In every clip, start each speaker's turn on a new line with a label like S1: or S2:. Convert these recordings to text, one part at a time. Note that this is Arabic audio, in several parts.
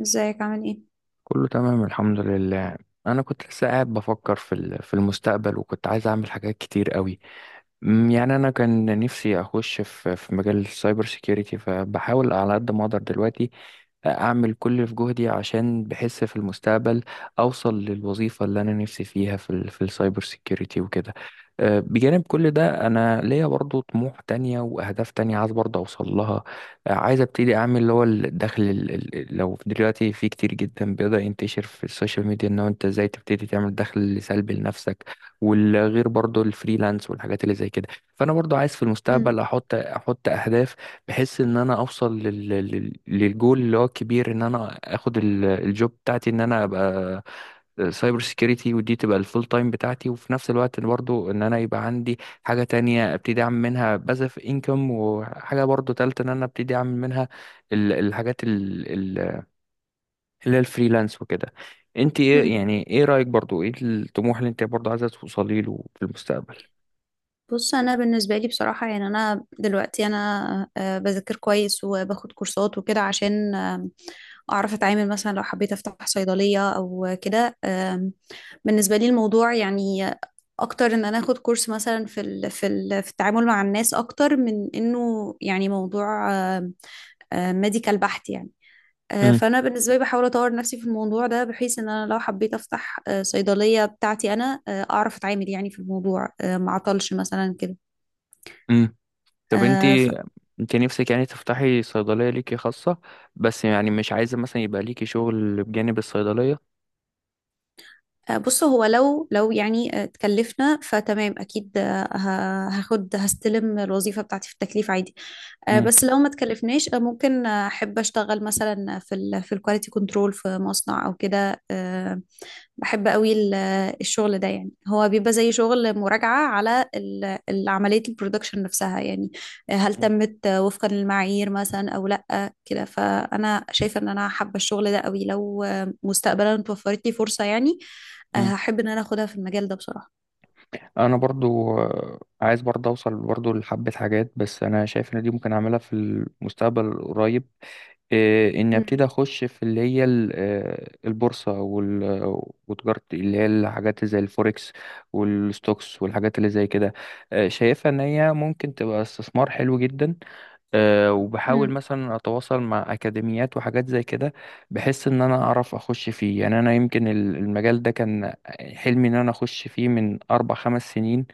S1: ازيك عامل ايه؟
S2: كله تمام الحمد لله. انا كنت لسه قاعد بفكر في المستقبل، وكنت عايز اعمل حاجات كتير قوي. يعني انا كان نفسي اخش في مجال السايبر سيكيورتي، فبحاول على قد ما اقدر دلوقتي اعمل كل اللي في جهدي، عشان بحس في المستقبل اوصل للوظيفه اللي انا نفسي فيها في السايبر سيكيورتي وكده. بجانب كل ده انا ليا برضو طموح تانية واهداف تانية عايز برضو اوصل لها. عايز ابتدي اعمل اللي هو لو دلوقتي في كتير جدا بيقدر ينتشر في السوشيال ميديا، ان هو انت ازاي تبتدي تعمل دخل سلبي لنفسك، والغير برضو الفريلانس والحاجات اللي زي كده. فانا برضو عايز في
S1: مم.
S2: المستقبل احط اهداف، بحيث ان انا للجول اللي هو الكبير، ان انا اخد الجوب بتاعتي، ان انا ابقى سايبر سيكيورتي ودي تبقى الفول تايم بتاعتي، وفي نفس الوقت برضو ان انا يبقى عندي حاجة تانية ابتدي اعمل منها باسف انكم، وحاجة برضو تالتة ان انا ابتدي اعمل منها ال- الحاجات ال- ال- اللي هي الفريلانس وكده. انت ايه،
S1: مم.
S2: يعني ايه رأيك برضو، ايه الطموح اللي انت برضو عايزة توصلي له في المستقبل؟
S1: بص، انا بالنسبه لي بصراحه يعني انا دلوقتي انا آه، بذاكر كويس وباخد كورسات وكده، عشان اعرف اتعامل، مثلا لو حبيت افتح صيدليه او كده. بالنسبه لي الموضوع يعني اكتر ان انا اخد كورس مثلا في التعامل مع الناس، اكتر من انه يعني موضوع ميديكال بحت يعني.
S2: امم.
S1: فانا بالنسبه لي بحاول اطور نفسي في الموضوع ده، بحيث ان انا لو حبيت افتح صيدليه بتاعتي، انا اعرف اتعامل يعني في الموضوع، ما اعطلش مثلا كده.
S2: امم. طب انت
S1: آه، ف-
S2: انت نفسك يعني تفتحي صيدلية ليكي خاصة، بس يعني مش عايزة مثلا يبقى ليكي شغل بجانب الصيدلية؟
S1: بص، هو لو يعني اتكلفنا، فتمام اكيد. آه، ه- هاخد هستلم الوظيفه بتاعتي في التكليف عادي.
S2: امم.
S1: بس لو ما اتكلفناش، ممكن احب اشتغل مثلا في الكواليتي كنترول في مصنع او كده. بحب قوي الشغل ده. يعني هو بيبقى زي شغل مراجعة على عملية البرودكشن نفسها، يعني هل
S2: امم.
S1: تمت وفقا للمعايير مثلا أو لأ كده. فأنا شايفة إن أنا حابة الشغل ده قوي، لو مستقبلا اتوفرت لي فرصة يعني
S2: امم.
S1: هحب إن أنا أخدها في المجال ده بصراحة.
S2: انا برضو عايز برضو اوصل برضو لحبة حاجات، بس انا شايف ان دي ممكن اعملها في المستقبل القريب. اني
S1: مم.
S2: ابتدي اخش في اللي هي البورصة وتجارة اللي هي الحاجات زي الفوركس والستوكس والحاجات اللي زي كده. شايفها ان هي ممكن تبقى استثمار حلو جدا. وبحاول
S1: مم.
S2: مثلا اتواصل مع اكاديميات وحاجات زي كده، بحيث ان انا اعرف اخش فيه. يعني انا يمكن المجال ده كان حلمي ان انا اخش فيه من 4 5 سنين.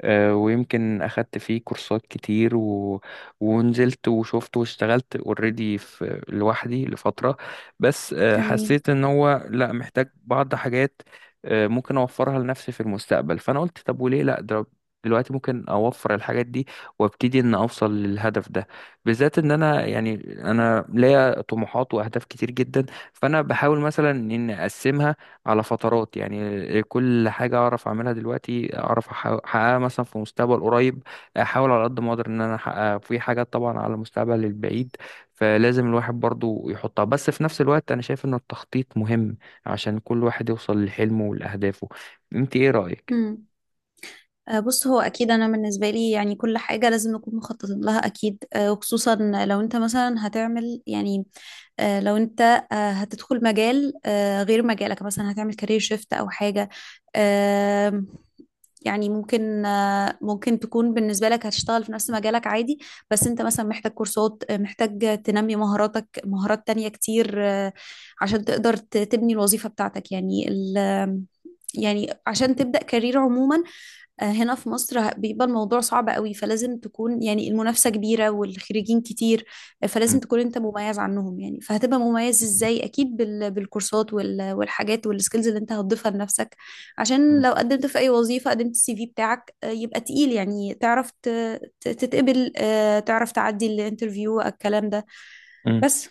S2: ويمكن أخدت فيه كورسات كتير ونزلت وشفت واشتغلت اوريدي في لوحدي لفترة، بس
S1: جميل.
S2: حسيت إن هو لأ، محتاج بعض حاجات ممكن أوفرها لنفسي في المستقبل. فأنا قلت طب وليه لأ، ده دلوقتي ممكن أوفر الحاجات دي، وابتدي إن أوصل للهدف ده، بالذات إن أنا يعني أنا ليا طموحات وأهداف كتير جدا. فأنا بحاول مثلا إن أقسمها على فترات، يعني كل حاجة أعرف أعملها دلوقتي أعرف أحققها مثلا في مستقبل قريب، أحاول على قد ما أقدر إن أنا أحققها في حاجات طبعا على المستقبل البعيد، فلازم الواحد برضو يحطها. بس في نفس الوقت أنا شايف إن التخطيط مهم عشان كل واحد يوصل لحلمه ولأهدافه. أنت إيه رأيك؟
S1: مم. بص، هو اكيد انا بالنسبه لي يعني كل حاجه لازم نكون مخططين لها اكيد. وخصوصا لو انت مثلا هتعمل يعني. لو انت هتدخل مجال غير مجالك، مثلا هتعمل كارير شيفت او حاجة. آم، يعني ممكن تكون بالنسبة لك هتشتغل في نفس مجالك عادي، بس انت مثلا محتاج كورسات. محتاج تنمي مهاراتك، مهارات تانية كتير. عشان تقدر تبني الوظيفة بتاعتك يعني ال يعني عشان تبدأ كارير عموما. هنا في مصر بيبقى الموضوع صعب قوي، فلازم تكون يعني المنافسة كبيرة والخريجين كتير. فلازم
S2: مم.
S1: تكون انت مميز عنهم، يعني فهتبقى مميز ازاي؟ اكيد بالكورسات والحاجات والسكيلز اللي انت هتضيفها لنفسك، عشان لو قدمت في اي وظيفة، قدمت السي في بتاعك يبقى تقيل، يعني تعرف تتقبل. تعرف تعدي الانترفيو الكلام ده،
S2: مم.
S1: بس.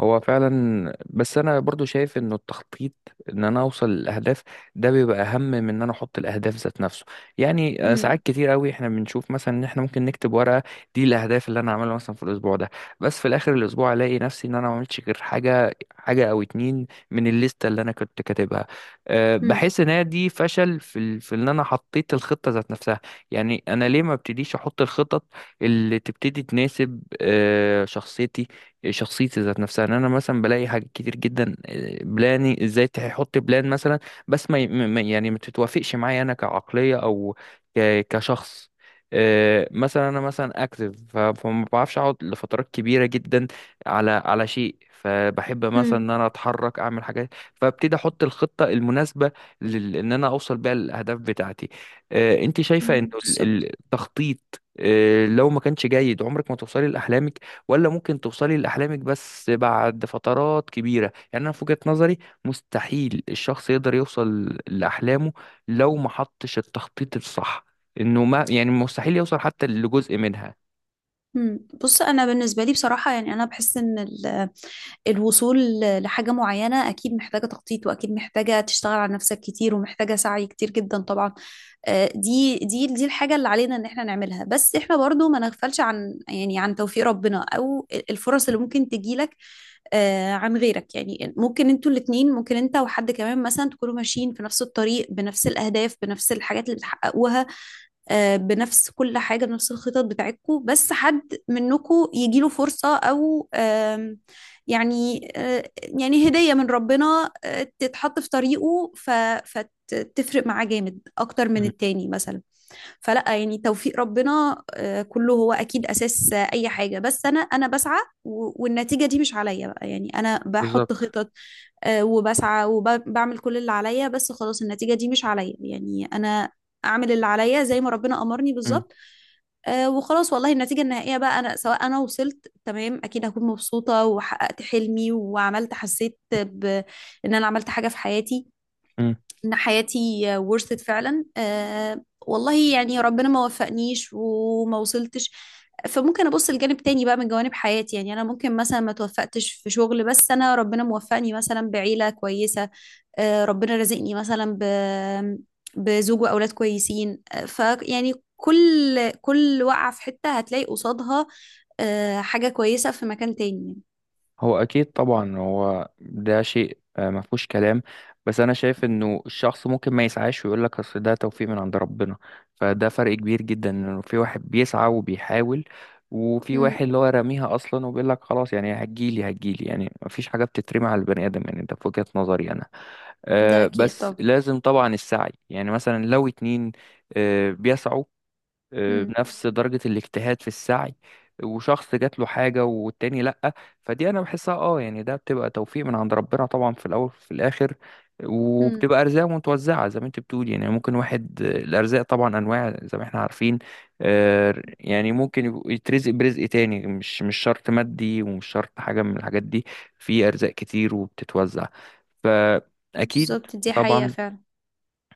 S2: هو فعلا، بس انا برضو شايف انه التخطيط ان انا اوصل للاهداف ده بيبقى اهم من ان انا احط الاهداف ذات نفسه. يعني ساعات
S1: امم.
S2: كتير قوي احنا بنشوف مثلا ان احنا ممكن نكتب ورقه، دي الاهداف اللي انا هعملها مثلا في الاسبوع ده، بس في الاخر الاسبوع الاقي نفسي ان انا ما عملتش غير حاجه او اتنين من الليسته اللي انا كنت كاتبها. أه،
S1: امم.
S2: بحس ان هي دي فشل في ان انا حطيت الخطه ذات نفسها. يعني انا ليه ما ابتديش احط الخطط اللي تبتدي تناسب أه شخصيتي، شخصيتي ذات نفسها، ان انا مثلا بلاقي حاجات كتير جدا بلاني ازاي تحط بلان مثلا، بس ما ي- ما- يعني ما تتوافقش معايا انا كعقلية او كشخص. مثلا انا مثلا اكتف، فما بعرفش اقعد لفترات كبيره جدا على شيء، فبحب مثلا ان انا اتحرك اعمل حاجات، فابتدي احط الخطه المناسبه ان انا اوصل بيها الاهداف بتاعتي. انت شايفه انه
S1: امم. بالظبط.
S2: التخطيط لو ما كانش جيد عمرك ما توصلي لاحلامك؟ ولا ممكن توصلي لأحلامك بس بعد فترات كبيرة؟ يعني أنا في وجهة نظري مستحيل الشخص يقدر يوصل لأحلامه لو ما حطش التخطيط الصح، إنه ما يعني مستحيل يوصل حتى لجزء منها.
S1: مم. بص، انا بالنسبه لي بصراحه يعني انا بحس ان الوصول لحاجه معينه اكيد محتاجه تخطيط، واكيد محتاجه تشتغل على نفسك كتير، ومحتاجه سعي كتير جدا طبعا. دي الحاجه اللي علينا ان احنا نعملها، بس احنا برضو ما نغفلش يعني عن توفيق ربنا، او الفرص اللي ممكن تجيلك. عن غيرك، يعني ممكن انتوا الاتنين، ممكن انت وحد كمان مثلا تكونوا ماشيين في نفس الطريق، بنفس الاهداف، بنفس الحاجات اللي بتحققوها. بنفس كل حاجة، بنفس الخطط بتاعتكم، بس حد منكم يجيله فرصة أو آم، يعني آه، يعني هدية من ربنا تتحط في طريقه فتفرق معاه جامد أكتر من
S2: مم،
S1: التاني مثلا. فلا يعني توفيق ربنا كله هو اكيد اساس اي حاجه، بس انا بسعى والنتيجه دي مش عليا بقى، يعني انا بحط
S2: بالظبط.
S1: خطط وبسعى وبعمل كل اللي عليا، بس خلاص النتيجه دي مش عليا، يعني انا اعمل اللي عليا زي ما ربنا امرني
S2: مم.
S1: بالظبط. وخلاص، والله النتيجة النهائية بقى أنا، سواء أنا وصلت تمام أكيد هكون مبسوطة وحققت حلمي وعملت، حسيت بإن أنا عملت حاجة في حياتي،
S2: مم.
S1: ان حياتي ورثت فعلا. والله يعني ربنا ما وفقنيش وما وصلتش، فممكن ابص لجانب تاني بقى من جوانب حياتي، يعني انا ممكن مثلا ما توفقتش في شغل، بس انا ربنا موفقني مثلا بعيلة كويسة. ربنا رزقني مثلا بزوج واولاد كويسين. فيعني كل وقعة في حتة هتلاقي قصادها حاجة كويسة في مكان تاني.
S2: هو اكيد طبعا، هو ده شيء ما فيهوش كلام، بس انا شايف انه الشخص ممكن ما يسعاش ويقول لك اصل ده توفيق من عند ربنا، فده فرق كبير جدا، انه في واحد بيسعى وبيحاول، وفي واحد
S1: مم.
S2: اللي هو راميها اصلا وبيقول لك خلاص، يعني هتجيلي هتجيلي. يعني ما فيش حاجه بتترمي على البني ادم، يعني ده في وجهه نظري انا.
S1: ده اكيد
S2: بس
S1: طب.
S2: لازم طبعا السعي. يعني مثلا لو اتنين بيسعوا
S1: مم.
S2: بنفس درجة الاجتهاد في السعي، وشخص جات له حاجة والتاني لأ، فدي أنا بحسها أه، يعني ده بتبقى توفيق من عند ربنا طبعا في الأول وفي الآخر. وبتبقى
S1: مم.
S2: أرزاق متوزعة زي ما أنت بتقول، يعني ممكن واحد الأرزاق طبعا أنواع زي ما احنا عارفين. يعني ممكن يترزق برزق تاني، مش شرط مادي، ومش شرط حاجة من الحاجات دي، في أرزاق كتير وبتتوزع فأكيد.
S1: بالظبط. دي حقيقة
S2: طبعا.
S1: فعلا.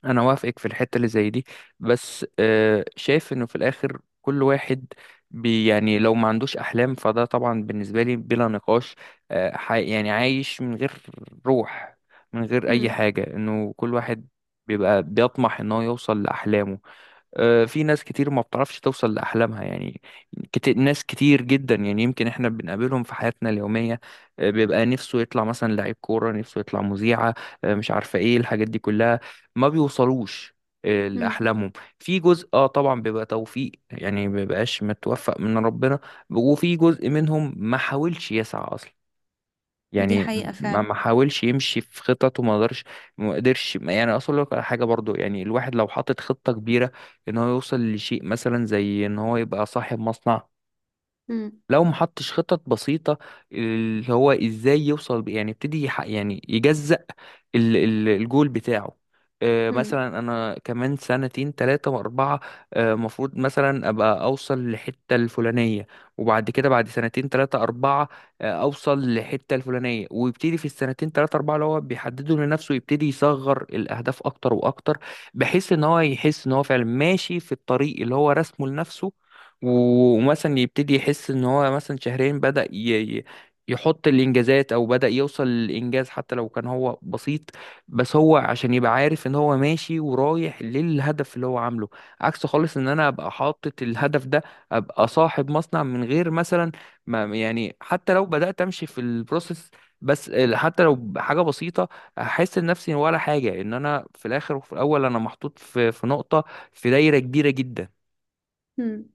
S2: انا وافقك في الحته اللي زي دي، بس شايف انه في الاخر كل واحد بي يعني لو ما عندوش احلام، فده طبعا بالنسبه لي بلا نقاش حي، يعني عايش من غير روح، من غير اي
S1: مم.
S2: حاجه، انه كل واحد بيبقى بيطمح ان هو يوصل لاحلامه. في ناس كتير ما بتعرفش توصل لأحلامها، يعني كتير، ناس كتير جدا، يعني يمكن احنا بنقابلهم في حياتنا اليومية. بيبقى نفسه يطلع مثلا لعيب كورة، نفسه يطلع مذيعة مش عارفة ايه الحاجات دي كلها، ما بيوصلوش
S1: مم.
S2: لأحلامهم. في جزء اه طبعا بيبقى توفيق، يعني ما بيبقاش متوفق من ربنا، وفي جزء منهم ما حاولش يسعى أصلا،
S1: دي
S2: يعني
S1: حقيقة
S2: ما
S1: فعلا.
S2: ما حاولش يمشي في خطط وما قدرش، ما قدرش يعني اصل لك على حاجه. برضو يعني الواحد لو حاطط خطه كبيره ان هو يوصل لشيء مثلا زي ان هو يبقى صاحب مصنع،
S1: مم.
S2: لو محطش خطط بسيطة، اللي هو ازاي يوصل، يعني يبتدي يعني يجزأ الجول بتاعه.
S1: مم.
S2: مثلا انا كمان سنتين 3 و4 مفروض مثلا ابقى اوصل لحتة الفلانية، وبعد كده بعد سنتين 3 4 اوصل لحتة الفلانية. ويبتدي في السنتين 3 4 اللي هو بيحدده لنفسه يبتدي يصغر الاهداف اكتر واكتر، بحيث ان هو يحس ان هو فعلا ماشي في الطريق اللي هو رسمه لنفسه. ومثلا يبتدي يحس ان هو مثلا شهرين بدأ يحط الانجازات، او بدأ يوصل للانجاز حتى لو كان هو بسيط، بس هو عشان يبقى عارف ان هو ماشي ورايح للهدف اللي هو عامله. عكس خالص ان انا ابقى حاطط الهدف ده، ابقى صاحب مصنع من غير مثلا ما يعني، حتى لو بدأت امشي في البروسيس بس حتى لو حاجة بسيطة، احس نفسي ولا حاجة، ان انا في الاخر وفي الاول انا محطوط في في نقطة في دايرة كبيرة جدا.
S1: مم.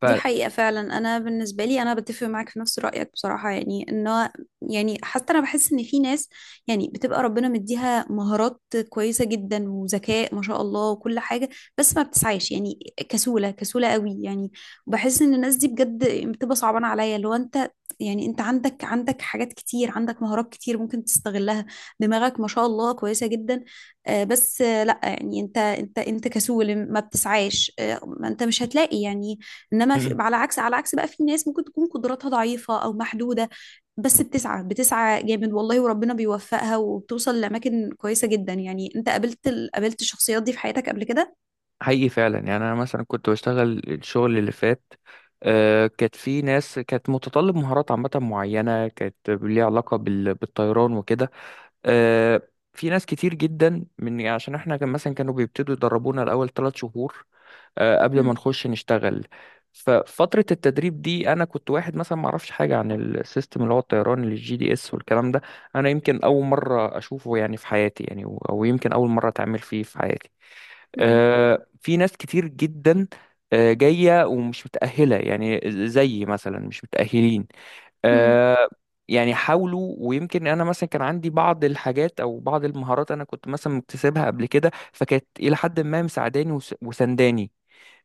S2: ف
S1: دي حقيقة فعلا، أنا بالنسبة لي أنا بتفق معاك في نفس رأيك بصراحة، يعني يعني حتى أنا بحس إن في ناس يعني بتبقى ربنا مديها مهارات كويسة جدا وذكاء ما شاء الله وكل حاجة، بس ما بتسعاش يعني كسولة كسولة قوي يعني. بحس إن الناس دي بجد بتبقى صعبانة عليا، اللي هو أنت. يعني أنت عندك حاجات كتير، عندك مهارات كتير ممكن تستغلها، دماغك ما شاء الله كويسة جدا. بس لأ، يعني أنت كسول ما بتسعاش، ما انت مش هتلاقي يعني. انما في على عكس، على عكس بقى في ناس ممكن تكون قدراتها ضعيفة او محدودة، بس بتسعى بتسعى جامد والله وربنا بيوفقها وبتوصل لأماكن كويسة جدا. يعني انت قابلت قابلت الشخصيات دي في حياتك قبل كده؟
S2: حقيقي فعلا. يعني انا مثلا كنت بشتغل الشغل اللي فات، كانت في ناس كانت متطلب مهارات عامة معينة، كانت ليها علاقة بالطيران وكده. آه، في ناس كتير جدا من يعني، عشان احنا كان مثلا كانوا بيبتدوا يدربونا الأول 3 شهور قبل
S1: مم.
S2: ما نخش نشتغل. ففترة التدريب دي أنا كنت واحد مثلا ما أعرفش حاجة عن السيستم اللي هو الطيران، اللي الجي دي اس والكلام ده، أنا يمكن أول مرة أشوفه يعني في حياتي، يعني أو يمكن أول مرة أتعامل فيه في حياتي.
S1: مم.
S2: في ناس كتير جدا جاية ومش متأهلة، يعني زي مثلا مش متأهلين
S1: مم.
S2: آه، يعني حاولوا. ويمكن أنا مثلا كان عندي بعض الحاجات أو بعض المهارات أنا كنت مثلا مكتسبها قبل كده، فكانت إلى حد ما مساعداني وسنداني.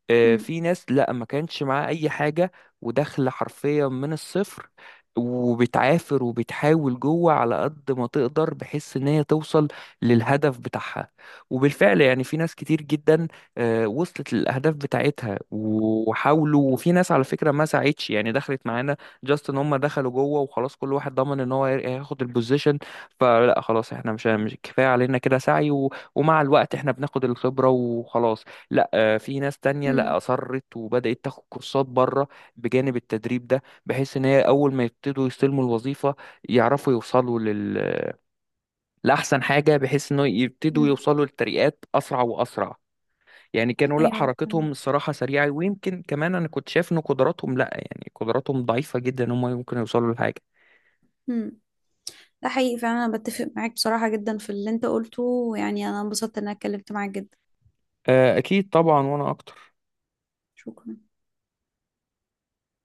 S1: مم.
S2: في ناس لا ما كانش معاه اي حاجه، وداخله حرفيا من الصفر وبتعافر وبتحاول جوه على قد ما تقدر، بحيث ان هي توصل للهدف بتاعها. وبالفعل يعني في ناس كتير جدا وصلت للاهداف بتاعتها وحاولوا. وفي ناس على فكره ما ساعدش، يعني دخلت معانا جاست ان هم دخلوا جوه وخلاص، كل واحد ضمن ان هو هياخد البوزيشن. فلا خلاص احنا مش كفايه علينا كده سعي، ومع الوقت احنا بناخد الخبره وخلاص. لا في ناس تانية
S1: مم.
S2: لا، أصرت وبدأت تاخد كورسات بره بجانب التدريب ده، بحيث إن هي أول ما يبتدوا يستلموا الوظيفة يعرفوا لأحسن حاجة، بحيث إنه يبتدوا
S1: مم.
S2: يوصلوا للترقيات أسرع وأسرع. يعني كانوا لا
S1: ايوه
S2: حركتهم
S1: تمام.
S2: الصراحة سريعة، ويمكن كمان أنا كنت شايف إن قدراتهم لا، يعني قدراتهم ضعيفة جدا إن هم ممكن يوصلوا لحاجة.
S1: مم. ده حقيقي فعلا، انا بتفق معاك بصراحة جدا في اللي انت قلته، يعني انا انبسطت ان انا اتكلمت معاك جدا.
S2: أكيد طبعا، وأنا أكتر.
S1: شكرا.